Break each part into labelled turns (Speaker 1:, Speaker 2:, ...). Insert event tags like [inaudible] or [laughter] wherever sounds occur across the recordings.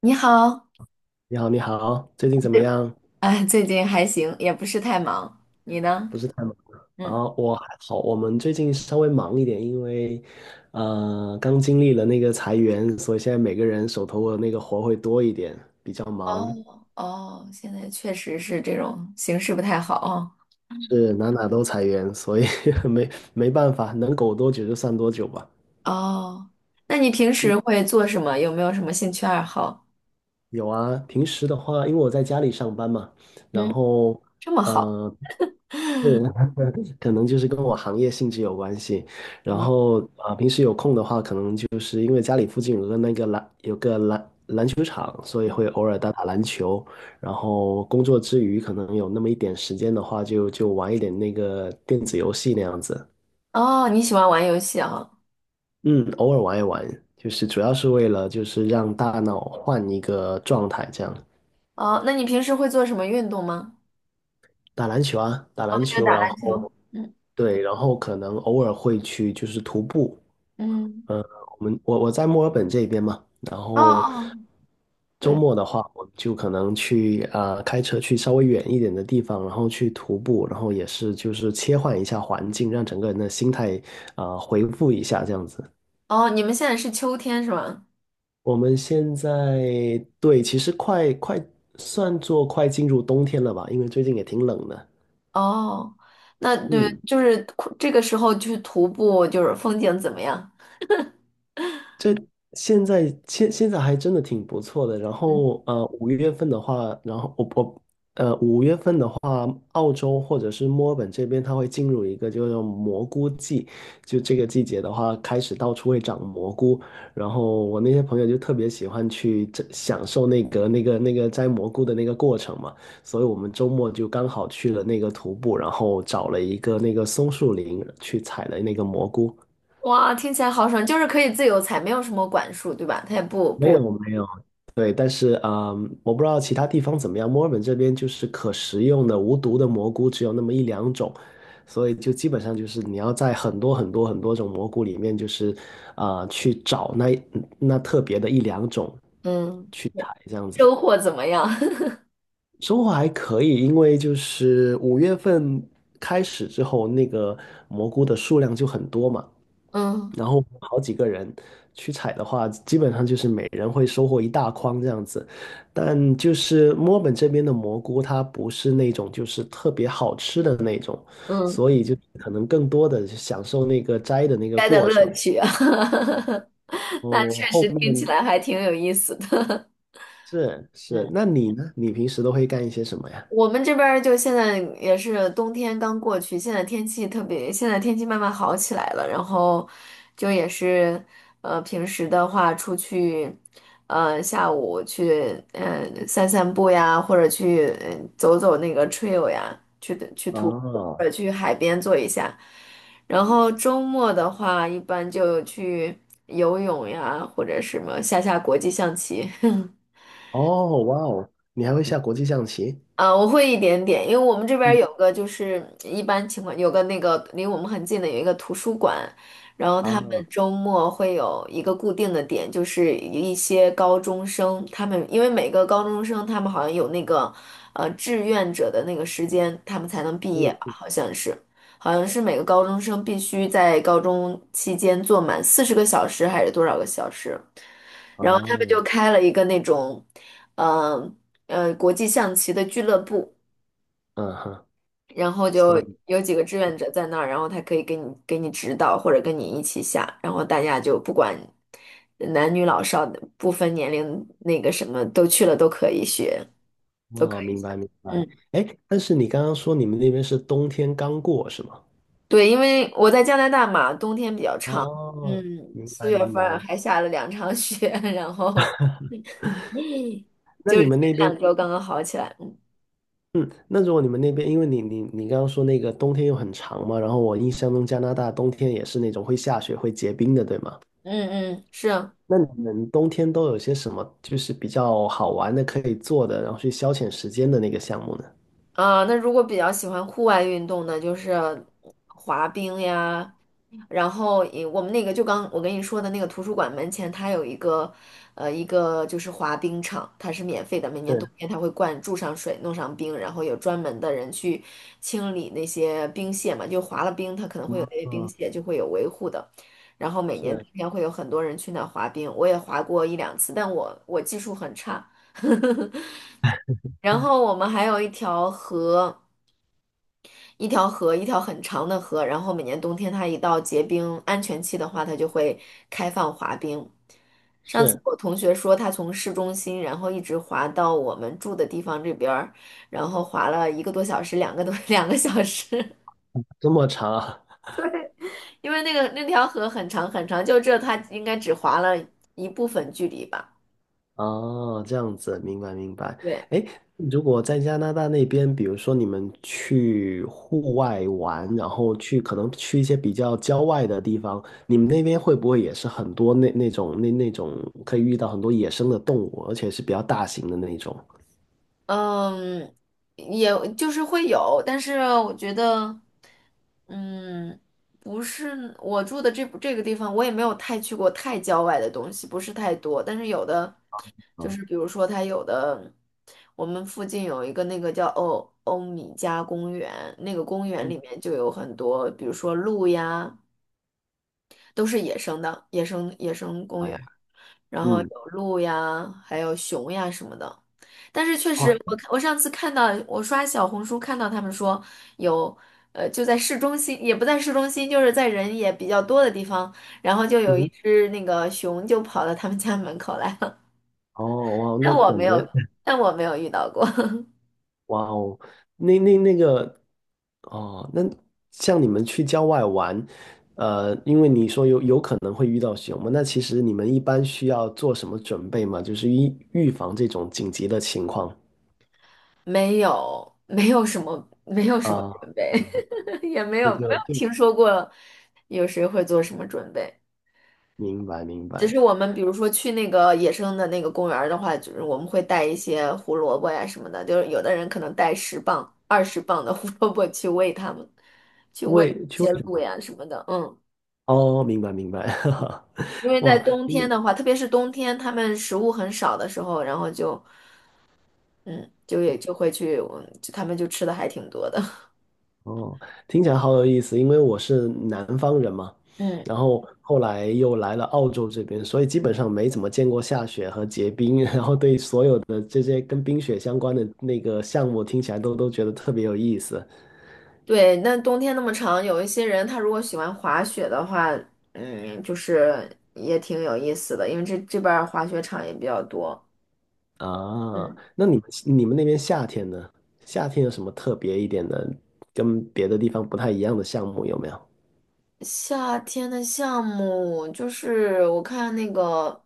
Speaker 1: 你好，
Speaker 2: 你好，你好，最近怎么
Speaker 1: 对，
Speaker 2: 样？
Speaker 1: [laughs] 哎，最近还行，也不是太忙。你呢？
Speaker 2: 不是太忙
Speaker 1: 嗯。
Speaker 2: 啊，我还好。我们最近稍微忙一点，因为刚经历了那个裁员，所以现在每个人手头的那个活会多一点，比较忙，
Speaker 1: 哦哦，现在确实是这种形势不太好哦。
Speaker 2: 是哪都裁员，所以 [laughs] 没没办法，能苟多久就算多久吧。
Speaker 1: 哦，那你平
Speaker 2: 嗯，
Speaker 1: 时会做什么？有没有什么兴趣爱好？
Speaker 2: 有啊，平时的话，因为我在家里上班嘛，然
Speaker 1: 嗯。
Speaker 2: 后
Speaker 1: 这么好。
Speaker 2: 呃，对，[laughs] 可能就是跟我行业性质有关系。然
Speaker 1: 嗯。
Speaker 2: 后啊，平时有空的话，可能就是因为家里附近有个那个篮，有个篮篮球场，所以
Speaker 1: 嗯。
Speaker 2: 会偶尔打打篮球。然后工作之余，可能有那么一点时间的话就玩一点那个电子游戏那样子。
Speaker 1: 哦，你喜欢玩游戏啊？
Speaker 2: 嗯，偶尔玩一玩，就是主要是为了就是让大脑换一个状态，这样
Speaker 1: 哦，那你平时会做什么运动吗？
Speaker 2: 打篮球啊，打
Speaker 1: 哦，
Speaker 2: 篮
Speaker 1: 就
Speaker 2: 球，
Speaker 1: 打
Speaker 2: 然
Speaker 1: 篮球。
Speaker 2: 后
Speaker 1: 嗯。
Speaker 2: 对，然后可能偶尔会去就是徒步。
Speaker 1: 嗯。
Speaker 2: 我们我我在墨尔本这边嘛，然
Speaker 1: 哦
Speaker 2: 后
Speaker 1: 哦，
Speaker 2: 周
Speaker 1: 对。
Speaker 2: 末的话，我就可能去开车去稍微远一点的地方，然后去徒步，然后也是就是切换一下环境，让整个人的心态回复一下这样子。
Speaker 1: 哦，你们现在是秋天是吗？
Speaker 2: 我们现在对，其实算作快进入冬天了吧，因为最近也挺冷的。
Speaker 1: 哦，那对，
Speaker 2: 嗯，
Speaker 1: 就是这个时候去徒步，就是风景怎么样？
Speaker 2: 这现在还真的挺不错的。然
Speaker 1: 嗯。
Speaker 2: 后五月份的话，然后我我呃五月份的话，澳洲或者是墨尔本这边，它会进入一个叫做蘑菇季。就这个季节的话，开始到处会长蘑菇。然后我那些朋友就特别喜欢去这享受那个摘蘑菇的那个过程嘛。所以我们周末就刚好去了那个徒步，然后找了一个那个松树林去采了那个蘑菇。
Speaker 1: 哇，听起来好爽，就是可以自由采，没有什么管束，对吧？他也不
Speaker 2: 没
Speaker 1: 不，
Speaker 2: 有没有，对，但是啊嗯我不知道其他地方怎么样。墨尔本这边就是可食用的无毒的蘑菇只有那么一两种，所以就基本上就是你要在很多种蘑菇里面，就是去找那特别的一两种
Speaker 1: 嗯。
Speaker 2: 去采这样子。
Speaker 1: 收获怎么样？[laughs]
Speaker 2: 收获还可以，因为就是五月份开始之后，那个蘑菇的数量就很多嘛。
Speaker 1: 嗯。
Speaker 2: 然后好几个人去采的话，基本上就是每人会收获一大筐这样子。但就是墨尔本这边的蘑菇，它不是那种就是特别好吃的那种，
Speaker 1: 嗯。
Speaker 2: 所以就可能更多的享受那个摘的那个
Speaker 1: 该的
Speaker 2: 过
Speaker 1: 乐
Speaker 2: 程。
Speaker 1: 趣啊，[laughs] 那
Speaker 2: 哦，
Speaker 1: 确
Speaker 2: 后
Speaker 1: 实听起
Speaker 2: 面
Speaker 1: 来还挺有意思的。
Speaker 2: 是
Speaker 1: [laughs]
Speaker 2: 是，
Speaker 1: 嗯。
Speaker 2: 那你呢？你平时都会干一些什么呀？
Speaker 1: 我们这边儿就现在也是冬天刚过去，现在天气特别，现在天气慢慢好起来了，然后就也是，平时的话出去，下午去，散散步呀，或者去，走走那个 trail 呀，去的去徒步，或
Speaker 2: 哦
Speaker 1: 者去海边坐一下。然后周末的话，一般就去游泳呀，或者什么下下国际象棋。[laughs]
Speaker 2: 哦，哇哦，你还会下国际象棋
Speaker 1: 我会一点点，因为我们这边儿有个就是一般情况有个那个离我们很近的有一个图书馆，然后他们
Speaker 2: 啊？
Speaker 1: 周末会有一个固定的点，就是一些高中生，他们因为每个高中生他们好像有那个志愿者的那个时间，他们才能毕业吧，
Speaker 2: 嗯
Speaker 1: 好像是，好像是每个高中生必须在高中期间做满40个小时还是多少个小时。然后他们就
Speaker 2: 哦，
Speaker 1: 开了一个那种，嗯。国际象棋的俱乐部，
Speaker 2: 嗯哼。
Speaker 1: 然后就
Speaker 2: 所以。
Speaker 1: 有几个志愿者在那儿，然后他可以给你指导或者跟你一起下，然后大家就不管男女老少不分年龄，那个什么都去了都可以学，都可
Speaker 2: 哦，
Speaker 1: 以
Speaker 2: 明
Speaker 1: 下。
Speaker 2: 白明白。
Speaker 1: 嗯。
Speaker 2: 哎，但是你刚刚说你们那边是冬天刚过是吗？
Speaker 1: 对，因为我在加拿大嘛，冬天比较长，
Speaker 2: 哦，
Speaker 1: 嗯，
Speaker 2: 明
Speaker 1: 四
Speaker 2: 白
Speaker 1: 月
Speaker 2: 明
Speaker 1: 份儿
Speaker 2: 白。
Speaker 1: 还下了2场雪，[laughs] 然后
Speaker 2: 那
Speaker 1: 就
Speaker 2: 你
Speaker 1: 是前
Speaker 2: 们那边，
Speaker 1: 两周刚刚好起来。嗯。
Speaker 2: 嗯，那如果你们那边，因为你刚刚说那个冬天又很长嘛，然后我印象中加拿大冬天也是那种会下雪、会结冰的，对吗？
Speaker 1: 嗯，嗯是。
Speaker 2: 那你们冬天都有些什么就是比较好玩的可以做的，然后去消遣时间的那个项目呢？
Speaker 1: 啊，那如果比较喜欢户外运动呢，就是滑冰呀，然后也我们那个就刚我跟你说的那个图书馆门前，它有一个一个就是滑冰场，它是免费的，每年冬
Speaker 2: 是，
Speaker 1: 天它会灌注上水，弄上冰，然后有专门的人去清理那些冰屑嘛，就滑了冰，它可能会有那些冰
Speaker 2: 嗯，
Speaker 1: 屑就会有维护的，然后每年冬
Speaker 2: 是
Speaker 1: 天会有很多人去那儿滑冰，我也滑过一两次，但我技术很差。然后我们还有一条河。一条河，一条很长的河，然后每年冬天它一到结冰安全期的话，它就会开放滑冰。上次
Speaker 2: 是
Speaker 1: 我同学说，他从市中心，然后一直滑到我们住的地方这边儿，然后滑了一个多小时，两个多 [laughs] 2个小时，
Speaker 2: 这么长啊，
Speaker 1: [laughs] 因为那个那条河很长很长，就这他应该只滑了一部分距离吧。
Speaker 2: 哦，这样子，明白明白。
Speaker 1: 对。
Speaker 2: 哎，如果在加拿大那边，比如说你们去户外玩，然后去可能去一些比较郊外的地方，你们那边会不会也是很多那种可以遇到很多野生的动物，而且是比较大型的那种
Speaker 1: 嗯，也就是会有，但是我觉得，嗯，不是我住的这个地方，我也没有太去过太郊外的东西，不是太多。但是有的就
Speaker 2: 啊？
Speaker 1: 是，比如说它有的，我们附近有一个那个叫欧米加公园，那个公园
Speaker 2: 嗯，
Speaker 1: 里面就有很多，比如说鹿呀，都是野生的，野生公
Speaker 2: 哎，
Speaker 1: 园。然后
Speaker 2: 嗯，
Speaker 1: 有鹿呀，还有熊呀什么的。但是确
Speaker 2: 哇，
Speaker 1: 实，我看我上次看到，我刷小红书看到他们说有，就在市中心，也不在市中心，就是在人也比较多的地方，然后就有一
Speaker 2: 嗯，
Speaker 1: 只那个熊就跑到他们家门口来了，
Speaker 2: 哦，哇，
Speaker 1: [laughs] 但
Speaker 2: 那
Speaker 1: 我
Speaker 2: 感
Speaker 1: 没有，
Speaker 2: 觉，
Speaker 1: 但我没有遇到过，
Speaker 2: [laughs] 哇哦，那那个。哦，那像你们去郊外玩，因为你说有可能会遇到熊嘛，那其实你们一般需要做什么准备吗？就是预防这种紧急的情况
Speaker 1: [laughs] 没有，没有什么，没有什么
Speaker 2: 啊，
Speaker 1: 准备，[laughs] 也没
Speaker 2: 这
Speaker 1: 有没有
Speaker 2: 就就
Speaker 1: 听说过有谁会做什么准备。
Speaker 2: 明白明
Speaker 1: 只是
Speaker 2: 白，
Speaker 1: 我们比如说去那个野生的那个公园儿的话，就是我们会带一些胡萝卜呀什么的，就是有的人可能带十磅、20磅的胡萝卜去喂它们，去喂
Speaker 2: 为
Speaker 1: 一
Speaker 2: 去
Speaker 1: 些
Speaker 2: 为
Speaker 1: 鹿呀什么的，嗯，
Speaker 2: 哦，明白明白，[laughs]
Speaker 1: 因为在
Speaker 2: 哇，
Speaker 1: 冬天的话，特别是冬天，它们食物很少的时候，然后就，嗯，就也就会去，嗯就它们就吃的还挺多的，[laughs]
Speaker 2: 哦，听起来好有意思，因为我是南方人嘛，
Speaker 1: 嗯，
Speaker 2: 然后后来又来了澳洲这边，所以基本上没怎么见过下雪和结冰，[laughs] 然后对所有的这些跟冰雪相关的那个项目听起来都觉得特别有意思
Speaker 1: 对，那冬天那么长，有一些人他如果喜欢滑雪的话，嗯，就是也挺有意思的，因为这这边儿滑雪场也比较多。
Speaker 2: 啊。
Speaker 1: 嗯，
Speaker 2: 那你们那边夏天呢？夏天有什么特别一点的，跟别的地方不太一样的项目有没有？
Speaker 1: 夏天的项目就是我看那个，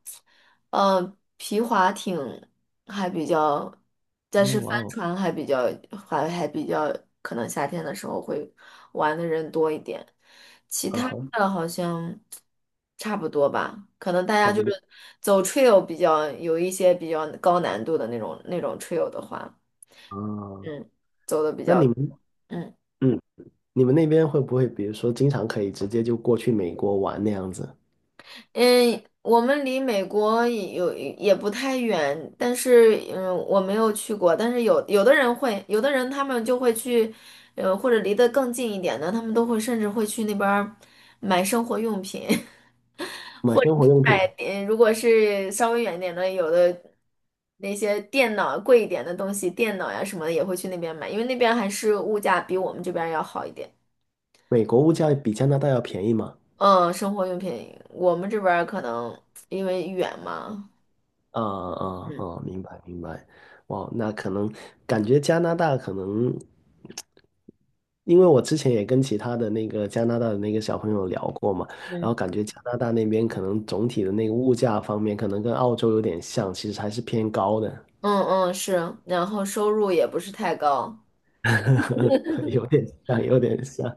Speaker 1: 皮划艇还比较，但
Speaker 2: 哦，
Speaker 1: 是
Speaker 2: 哇
Speaker 1: 帆
Speaker 2: 哦，
Speaker 1: 船还比较，还还比较，可能夏天的时候会玩的人多一点，其
Speaker 2: 啊
Speaker 1: 他
Speaker 2: 哈，
Speaker 1: 的好像差不多吧，可能大
Speaker 2: 差
Speaker 1: 家
Speaker 2: 不
Speaker 1: 就
Speaker 2: 多
Speaker 1: 是走 trail 比较有一些比较高难度的那种 trail 的话，
Speaker 2: 啊。
Speaker 1: 嗯，走的比
Speaker 2: 那你
Speaker 1: 较。
Speaker 2: 们，
Speaker 1: 嗯。
Speaker 2: 嗯，你们那边会不会，比如说，经常可以直接就过去美国玩那样子，
Speaker 1: 嗯，我们离美国也有也不太远，但是嗯，我没有去过，但是有有的人会，有的人他们就会去，或者离得更近一点的，他们都会甚至会去那边儿买生活用品，[laughs]
Speaker 2: 买
Speaker 1: 或者
Speaker 2: 生活
Speaker 1: 是
Speaker 2: 用品？
Speaker 1: 买，如果是稍微远一点的，有的那些电脑贵一点的东西，电脑呀什么的也会去那边买，因为那边还是物价比我们这边儿要好一点。
Speaker 2: 美国物价比加拿大要便宜吗？
Speaker 1: 嗯，生活用品我们这边儿可能因为远嘛。
Speaker 2: 啊啊
Speaker 1: 嗯。
Speaker 2: 啊！明白明白。哇，那可能感觉加拿大可能，因为我之前也跟其他的那个加拿大的那个小朋友聊过嘛，然后
Speaker 1: 嗯。
Speaker 2: 感觉加拿大那边可能总体的那个物价方面，可能跟澳洲有点像，其实还是偏高的，
Speaker 1: 嗯，嗯是，然后收入也不是太高，
Speaker 2: [laughs] 有点像，有点像。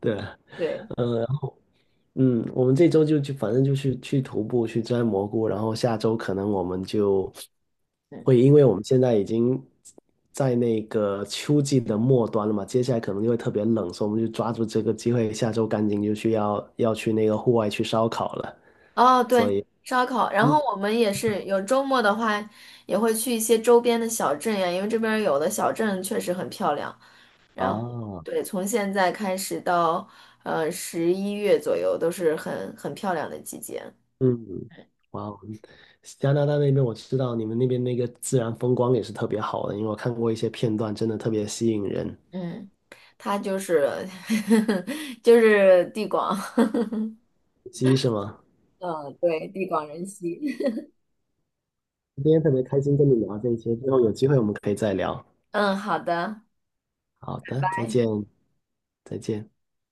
Speaker 2: 对，
Speaker 1: 对，
Speaker 2: 嗯。嗯，我们这周就去，反正就去徒步，去摘蘑菇，然后下周可能我们就
Speaker 1: 嗯，
Speaker 2: 会，因为我们现在已经在那个秋季的末端了嘛，接下来可能就会特别冷，所以我们就抓住这个机会，下周赶紧就去要去那个户外去烧烤了。
Speaker 1: 哦对，
Speaker 2: 所以，
Speaker 1: 烧烤，然
Speaker 2: 嗯
Speaker 1: 后我们也是有周末的话，也会去一些周边的小镇呀，因为这边儿有的小镇确实很漂亮，然后
Speaker 2: 啊，
Speaker 1: 对，从现在开始到11月左右都是很很漂亮的季节，
Speaker 2: 嗯，哇哦，加拿大那边我知道你们那边那个自然风光也是特别好的，因为我看过一些片段，真的特别吸引人。
Speaker 1: 嗯，它就是 [laughs] 就是地广，[laughs]
Speaker 2: 鸡是吗？
Speaker 1: 嗯，对，地广人稀，
Speaker 2: 今天特别开心跟你聊这些，之后有机会我们可以再聊。
Speaker 1: [laughs] 嗯，好的。
Speaker 2: 好的，再见，
Speaker 1: 拜。
Speaker 2: 再见。